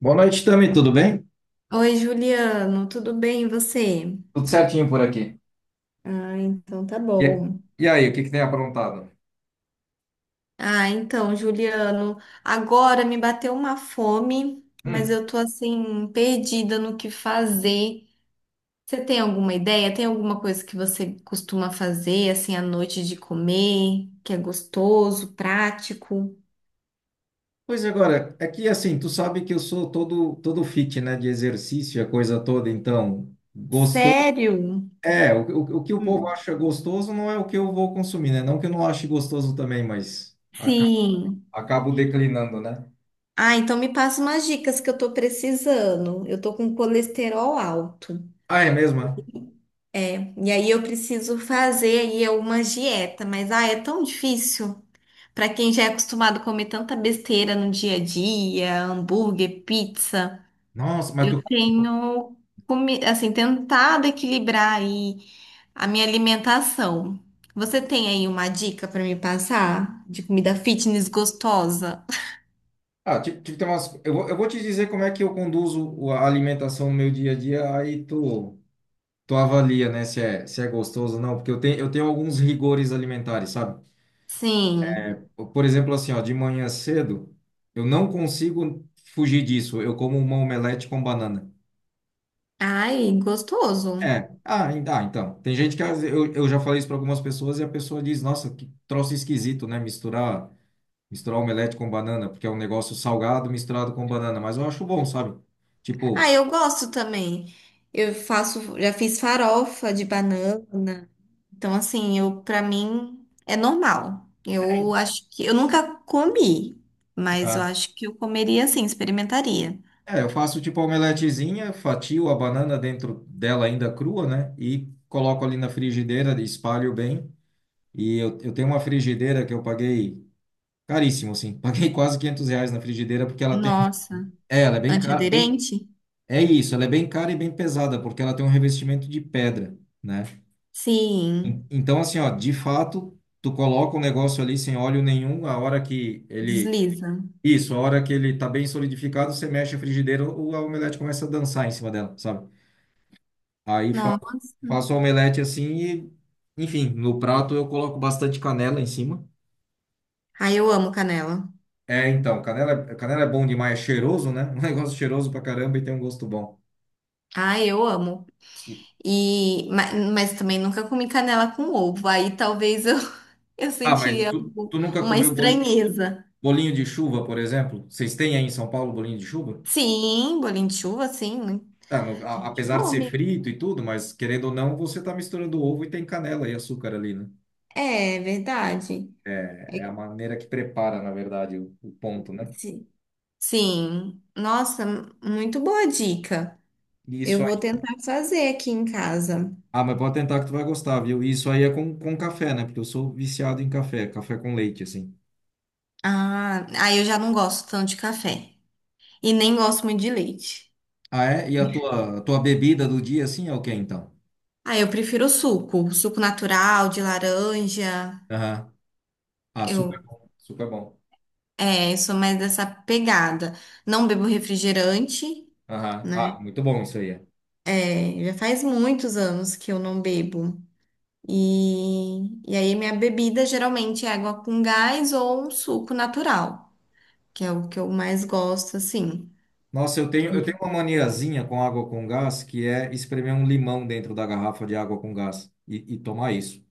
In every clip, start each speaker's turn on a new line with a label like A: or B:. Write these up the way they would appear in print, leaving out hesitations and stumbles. A: Boa noite, Tami, tudo bem?
B: Oi, Juliano, tudo bem e você?
A: Tudo certinho por aqui.
B: Ah, então tá
A: E,
B: bom.
A: E aí, o que que tem aprontado?
B: Ah, então, Juliano, agora me bateu uma fome, mas
A: Hum,
B: eu tô assim perdida no que fazer. Você tem alguma ideia? Tem alguma coisa que você costuma fazer assim à noite de comer, que é gostoso, prático?
A: pois agora, é que assim, tu sabe que eu sou todo fit, né, de exercício, a coisa toda, então, gostoso,
B: Sério?
A: é, o, o que o povo
B: Hum.
A: acha gostoso não é o que eu vou consumir, né? Não que eu não ache gostoso também, mas acaba.
B: Sim.
A: Acabo declinando, né?
B: Ah, então me passa umas dicas que eu tô precisando. Eu tô com colesterol alto.
A: Ah, é mesmo? É?
B: É, e aí eu preciso fazer aí uma dieta, mas ah, é tão difícil para quem já é acostumado a comer tanta besteira no dia a dia, hambúrguer, pizza.
A: Nossa, mas tu.
B: Eu tenho assim, tentado equilibrar aí a minha alimentação. Você tem aí uma dica para me passar de comida fitness gostosa?
A: Ah, tipo, tem umas, eu vou te dizer como é que eu conduzo a alimentação no meu dia a dia, aí tu avalia, né, se é gostoso ou não, porque eu tenho alguns rigores alimentares, sabe?
B: Sim.
A: Por exemplo, assim, ó, de manhã cedo, eu não consigo fugir disso. Eu como uma omelete com banana.
B: Ai, gostoso.
A: É, então. Tem gente que eu já falei isso para algumas pessoas e a pessoa diz, nossa, que troço esquisito, né? Misturar omelete com banana, porque é um negócio salgado misturado com banana, mas eu acho bom, sabe?
B: Ah,
A: Tipo.
B: eu gosto também. Eu faço, já fiz farofa de banana. Então, assim, eu para mim é normal. Eu acho que eu nunca comi, mas eu
A: É.
B: acho que eu comeria assim, experimentaria.
A: É, eu faço tipo a omeletezinha, fatio a banana dentro dela ainda crua, né? E coloco ali na frigideira, espalho bem. E eu tenho uma frigideira que eu paguei caríssimo, assim. Paguei quase R$ 500 na frigideira porque ela tem... um-.
B: Nossa,
A: É, ela é bem cara, bem...
B: antiaderente?
A: É isso, ela é bem cara e bem pesada porque ela tem um revestimento de pedra, né?
B: Sim,
A: Então, assim, ó, de fato, tu coloca o negócio ali sem óleo nenhum, a hora que ele...
B: desliza.
A: Isso, a hora que ele tá bem solidificado, você mexe a frigideira, a omelete começa a dançar em cima dela, sabe? Aí fa-
B: Nossa.
A: faço omelete assim e, enfim, no prato eu coloco bastante canela em cima.
B: Ai, eu amo canela.
A: É, então, canela é bom demais, é cheiroso, né? Um negócio cheiroso pra caramba e tem um gosto bom.
B: Ai, eu amo.
A: E-.
B: Mas também nunca comi canela com ovo. Aí talvez eu eu
A: Ah, mas
B: sentiria
A: tu nunca
B: uma
A: comeu bolinho,
B: estranheza.
A: bolinho de chuva, por exemplo? Vocês têm aí em São Paulo bolinho de chuva?
B: Sim, bolinho de chuva, sim, né?
A: Tá,
B: A gente
A: apesar de ser
B: come.
A: frito e tudo, mas querendo ou não, você tá misturando ovo e tem canela e açúcar ali, né?
B: É, é verdade. É
A: É a
B: que
A: maneira que prepara, na verdade, o ponto, né?
B: se- Sim. Nossa, muito boa dica.
A: E isso.
B: Eu vou tentar fazer aqui em casa.
A: Ah, mas pode tentar que tu vai gostar, viu? E isso aí é com café, né? Porque eu sou viciado em café, café com leite, assim.
B: Ah, aí eu já não gosto tanto de café. E nem gosto muito de leite.
A: Ah, é? E a tua bebida do dia, assim, é o quê, então?
B: Ah, eu prefiro o suco. Suco natural, de laranja.
A: Aham. Ah, super
B: Eu,
A: bom, super bom.
B: eu sou mais dessa pegada. Não bebo refrigerante,
A: Aham.
B: né?
A: Ah, muito bom isso aí. É.
B: É, já faz muitos anos que eu não bebo. E aí minha bebida geralmente é água com gás ou um suco natural, que é o que eu mais gosto, assim.
A: Nossa, eu tenho uma maniazinha com água com gás, que é espremer um limão dentro da garrafa de água com gás e tomar isso,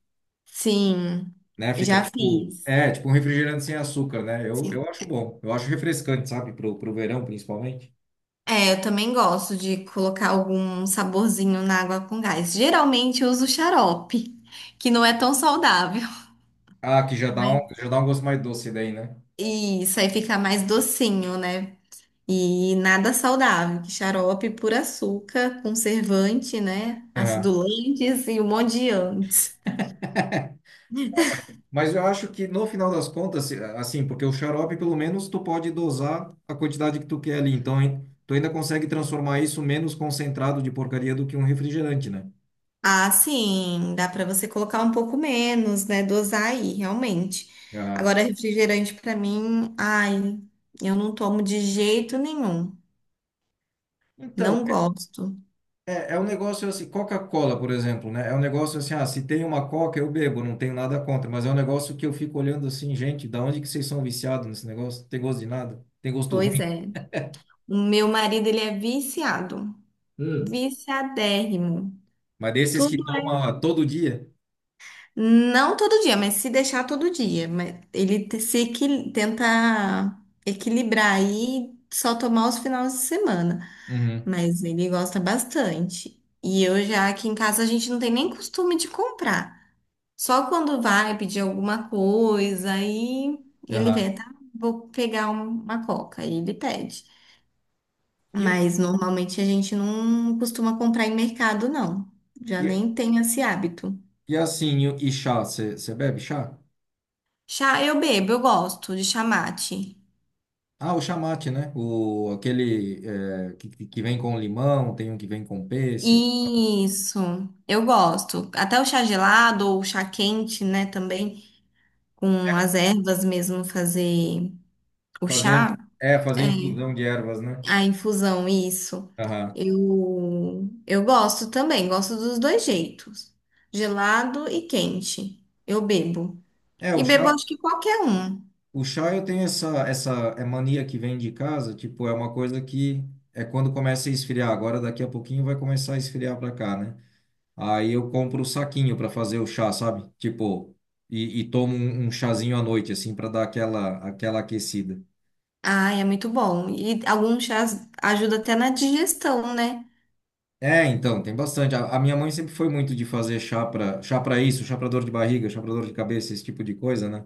B: Sim,
A: né? Fica
B: já
A: tipo,
B: fiz.
A: é, tipo um refrigerante sem açúcar, né? Eu
B: Sim.
A: acho bom, eu acho refrescante, sabe? Pro verão, principalmente.
B: É, eu também gosto de colocar algum saborzinho na água com gás. Geralmente eu uso xarope, que não é tão saudável.
A: Ah, que já dá um gosto mais doce daí, né?
B: E isso aí fica mais docinho, né? E nada saudável, que xarope por açúcar, conservante, né? Acidulantes e um monte de antes.
A: Mas eu acho que no final das contas, assim, porque o xarope, pelo menos, tu pode dosar a quantidade que tu quer ali. Então, hein, tu ainda consegue transformar isso menos concentrado de porcaria do que um refrigerante, né?
B: Ah, sim, dá para você colocar um pouco menos, né? Dosar aí, realmente.
A: Aham.
B: Agora, refrigerante para mim, ai, eu não tomo de jeito nenhum.
A: Então,
B: Não gosto.
A: é um negócio assim, Coca-Cola, por exemplo, né? É um negócio assim, ah, se tem uma Coca, eu bebo, não tenho nada contra, mas é um negócio que eu fico olhando assim, gente, da onde que vocês são viciados nesse negócio? Tem gosto de nada, tem gosto
B: Pois
A: ruim.
B: é. O meu marido, ele é viciado,
A: Hum.
B: viciadérrimo.
A: Mas desses que
B: Tudo.
A: toma todo dia.
B: Não todo dia, mas se deixar, todo dia. Mas ele te- se equi- tenta equilibrar aí, só tomar os finais de semana.
A: Uhum.
B: Mas ele gosta bastante. E eu, já aqui em casa, a gente não tem nem costume de comprar. Só quando vai pedir alguma coisa, aí ele
A: Aham.
B: vê, tá? Vou pegar uma coca. Aí ele pede.
A: E, um-
B: Mas normalmente a gente não costuma comprar em mercado, não. Já
A: e
B: nem tem esse hábito.
A: E assim, e chá, você bebe chá?
B: Chá eu bebo, eu gosto de chamate.
A: Ah, o chamate, né? O, aquele é, que vem com limão, tem um que vem com pêssego.
B: Isso, eu gosto. Até o chá gelado ou o chá quente, né, também, com as ervas mesmo fazer o
A: Fazer,
B: chá,
A: é, fazer
B: é,
A: infusão de ervas, né?
B: a infusão, isso.
A: Aham.
B: Eu gosto também, gosto dos dois jeitos, gelado e quente. Eu bebo.
A: É,
B: E bebo acho que qualquer um.
A: o chá eu tenho essa é mania que vem de casa, tipo, é uma coisa que é quando começa a esfriar. Agora, daqui a pouquinho vai começar a esfriar pra cá, né? Aí eu compro o saquinho pra fazer o chá, sabe? Tipo, e tomo um chazinho à noite, assim, pra dar aquela, aquela aquecida.
B: Ai, é muito bom. E alguns chás ajudam até na digestão, né?
A: É, então, tem bastante. A minha mãe sempre foi muito de fazer chá para chá para isso, chá para dor de barriga, chá para dor de cabeça, esse tipo de coisa, né?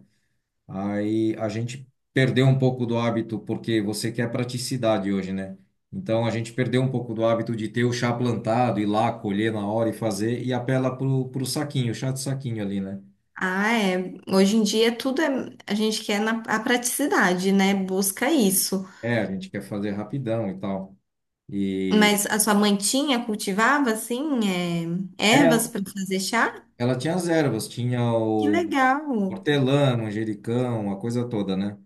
A: Aí a gente perdeu um pouco do hábito, porque você quer praticidade hoje, né? Então a gente perdeu um pouco do hábito de ter o chá plantado, ir lá, colher na hora e fazer, e apela pro saquinho, chá de saquinho ali, né?
B: Ah, é. Hoje em dia tudo é. A gente quer na, a praticidade, né? Busca isso.
A: É, a gente quer fazer rapidão e tal. E
B: Mas a sua mãe tinha, cultivava, assim, é, ervas
A: ela,
B: para fazer chá?
A: ela tinha as ervas, tinha
B: Que
A: o
B: legal!
A: hortelã, manjericão, a coisa toda, né?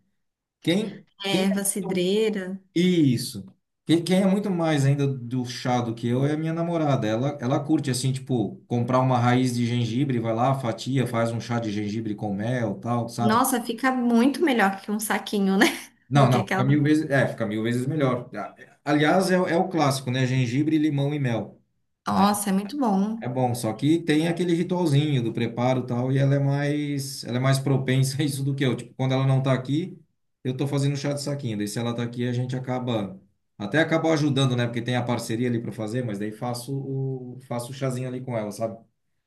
A: Quem.
B: Erva cidreira.
A: Isso. Quem é muito mais ainda do chá do que eu é a minha namorada. Ela curte, assim, tipo, comprar uma raiz de gengibre, vai lá, fatia, faz um chá de gengibre com mel, tal, sabe?
B: Nossa, fica muito melhor que um saquinho, né? Do
A: Não,
B: que
A: não, fica
B: aquela.
A: mil vezes, é, fica mil vezes melhor. Ah, é. Aliás, é, é o clássico, né? Gengibre, limão e mel, né?
B: Nossa, é muito bom.
A: É bom, só que tem aquele ritualzinho do preparo e tal, e ela é mais propensa a isso do que eu. Tipo, quando ela não tá aqui, eu tô fazendo chá de saquinho. Daí se ela tá aqui, a gente acaba ajudando, né? Porque tem a parceria ali para fazer, mas daí faço o chazinho ali com ela, sabe?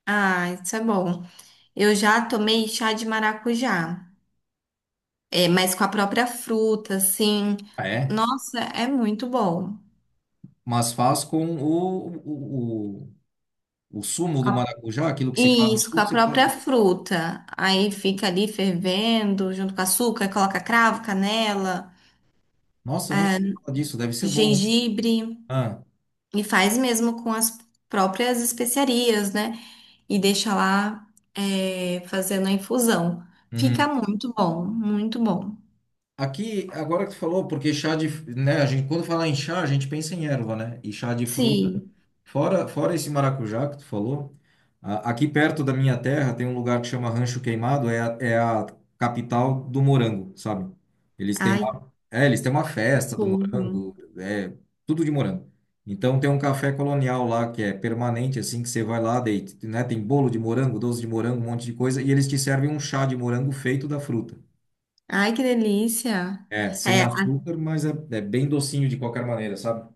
B: Ah, isso é bom. Eu já tomei chá de maracujá. É, mas com a própria fruta, assim.
A: Ah, é,
B: Nossa, é muito bom.
A: mas faz com o sumo
B: Com
A: do
B: a
A: maracujá, aquilo que se faz o
B: Isso, com
A: suco,
B: a
A: você faz.
B: própria fruta. Aí fica ali fervendo, junto com açúcar, coloca cravo, canela,
A: Nossa, eu nunca ouvi falar disso, deve ser bom, né?
B: gengibre
A: Ah,
B: e faz mesmo com as próprias especiarias, né? E deixa lá, é, fazendo a infusão. Fica
A: uhum.
B: muito bom, muito bom.
A: Aqui, agora que tu falou, porque chá de, né, a gente, quando fala em chá, a gente pensa em erva, né? E chá de fruta,
B: Sim.
A: fora esse maracujá que tu falou, aqui perto da minha terra tem um lugar que chama Rancho Queimado, é a capital do morango, sabe? Eles têm
B: Ai, que
A: uma, é, eles têm uma festa do
B: tudo.
A: morango, é tudo de morango. Então tem um café colonial lá que é permanente, assim, que você vai lá, deita, né? Tem bolo de morango, doce de morango, um monte de coisa, e eles te servem um chá de morango feito da fruta.
B: Ai, que delícia.
A: É, sem
B: É,
A: açúcar, mas é bem docinho de qualquer maneira, sabe?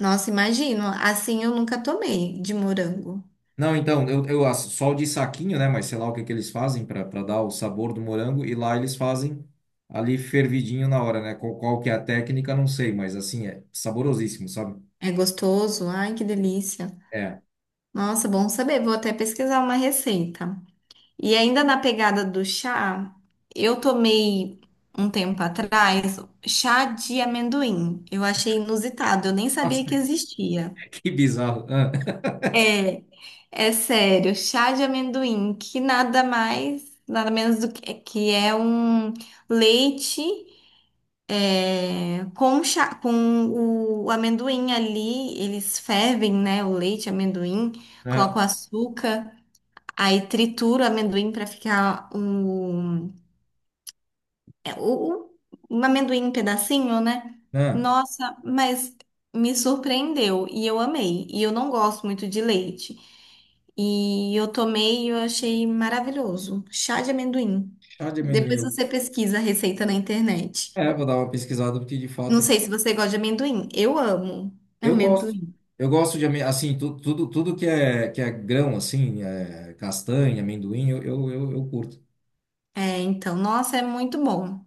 B: nossa, imagino. Assim eu nunca tomei de morango.
A: Não, então, eu acho só o de saquinho, né? Mas sei lá o que que eles fazem para dar o sabor do morango. E lá eles fazem ali fervidinho na hora, né? Qual que é a técnica, não sei, mas assim, é saborosíssimo, sabe?
B: É gostoso. Ai, que delícia.
A: É.
B: Nossa, bom saber. Vou até pesquisar uma receita. E ainda na pegada do chá, eu tomei um tempo atrás chá de amendoim. Eu achei inusitado, eu nem
A: Nossa,
B: sabia que existia.
A: que bizarro.
B: É, é sério, chá de amendoim, que nada mais, nada menos do que é um leite é, com chá, com o amendoim ali, eles fervem, né, o leite, amendoim,
A: Ah,
B: colocam açúcar. Aí trituro o amendoim para ficar um, é, um amendoim em pedacinho, né?
A: ah.
B: Nossa, mas me surpreendeu e eu amei. E eu não gosto muito de leite. E eu tomei e eu achei maravilhoso. Chá de amendoim.
A: Chá de
B: Depois
A: amendoim.
B: você pesquisa a receita na internet.
A: É, vou dar uma pesquisada, porque de
B: Não
A: fato
B: sei se você gosta de amendoim. Eu amo
A: eu gosto.
B: amendoim.
A: Eu gosto de, assim, tu, tudo que é grão, assim, é, castanha, amendoim, eu curto.
B: É, então, nossa, é muito bom.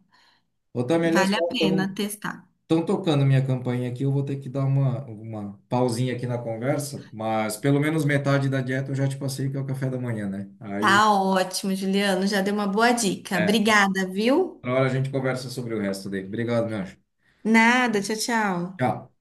A: Ô, Tami, olha
B: Vale
A: só,
B: a pena testar.
A: estão tocando minha campainha aqui. Eu vou ter que dar uma pausinha aqui na conversa, mas pelo menos metade da dieta eu já te passei, que é o café da manhã, né? Aí,
B: Tá ótimo, Juliano. Já deu uma boa dica.
A: é,
B: Obrigada, viu?
A: na hora a gente conversa sobre o resto dele. Obrigado, meu anjo.
B: Nada, tchau, tchau.
A: Tchau.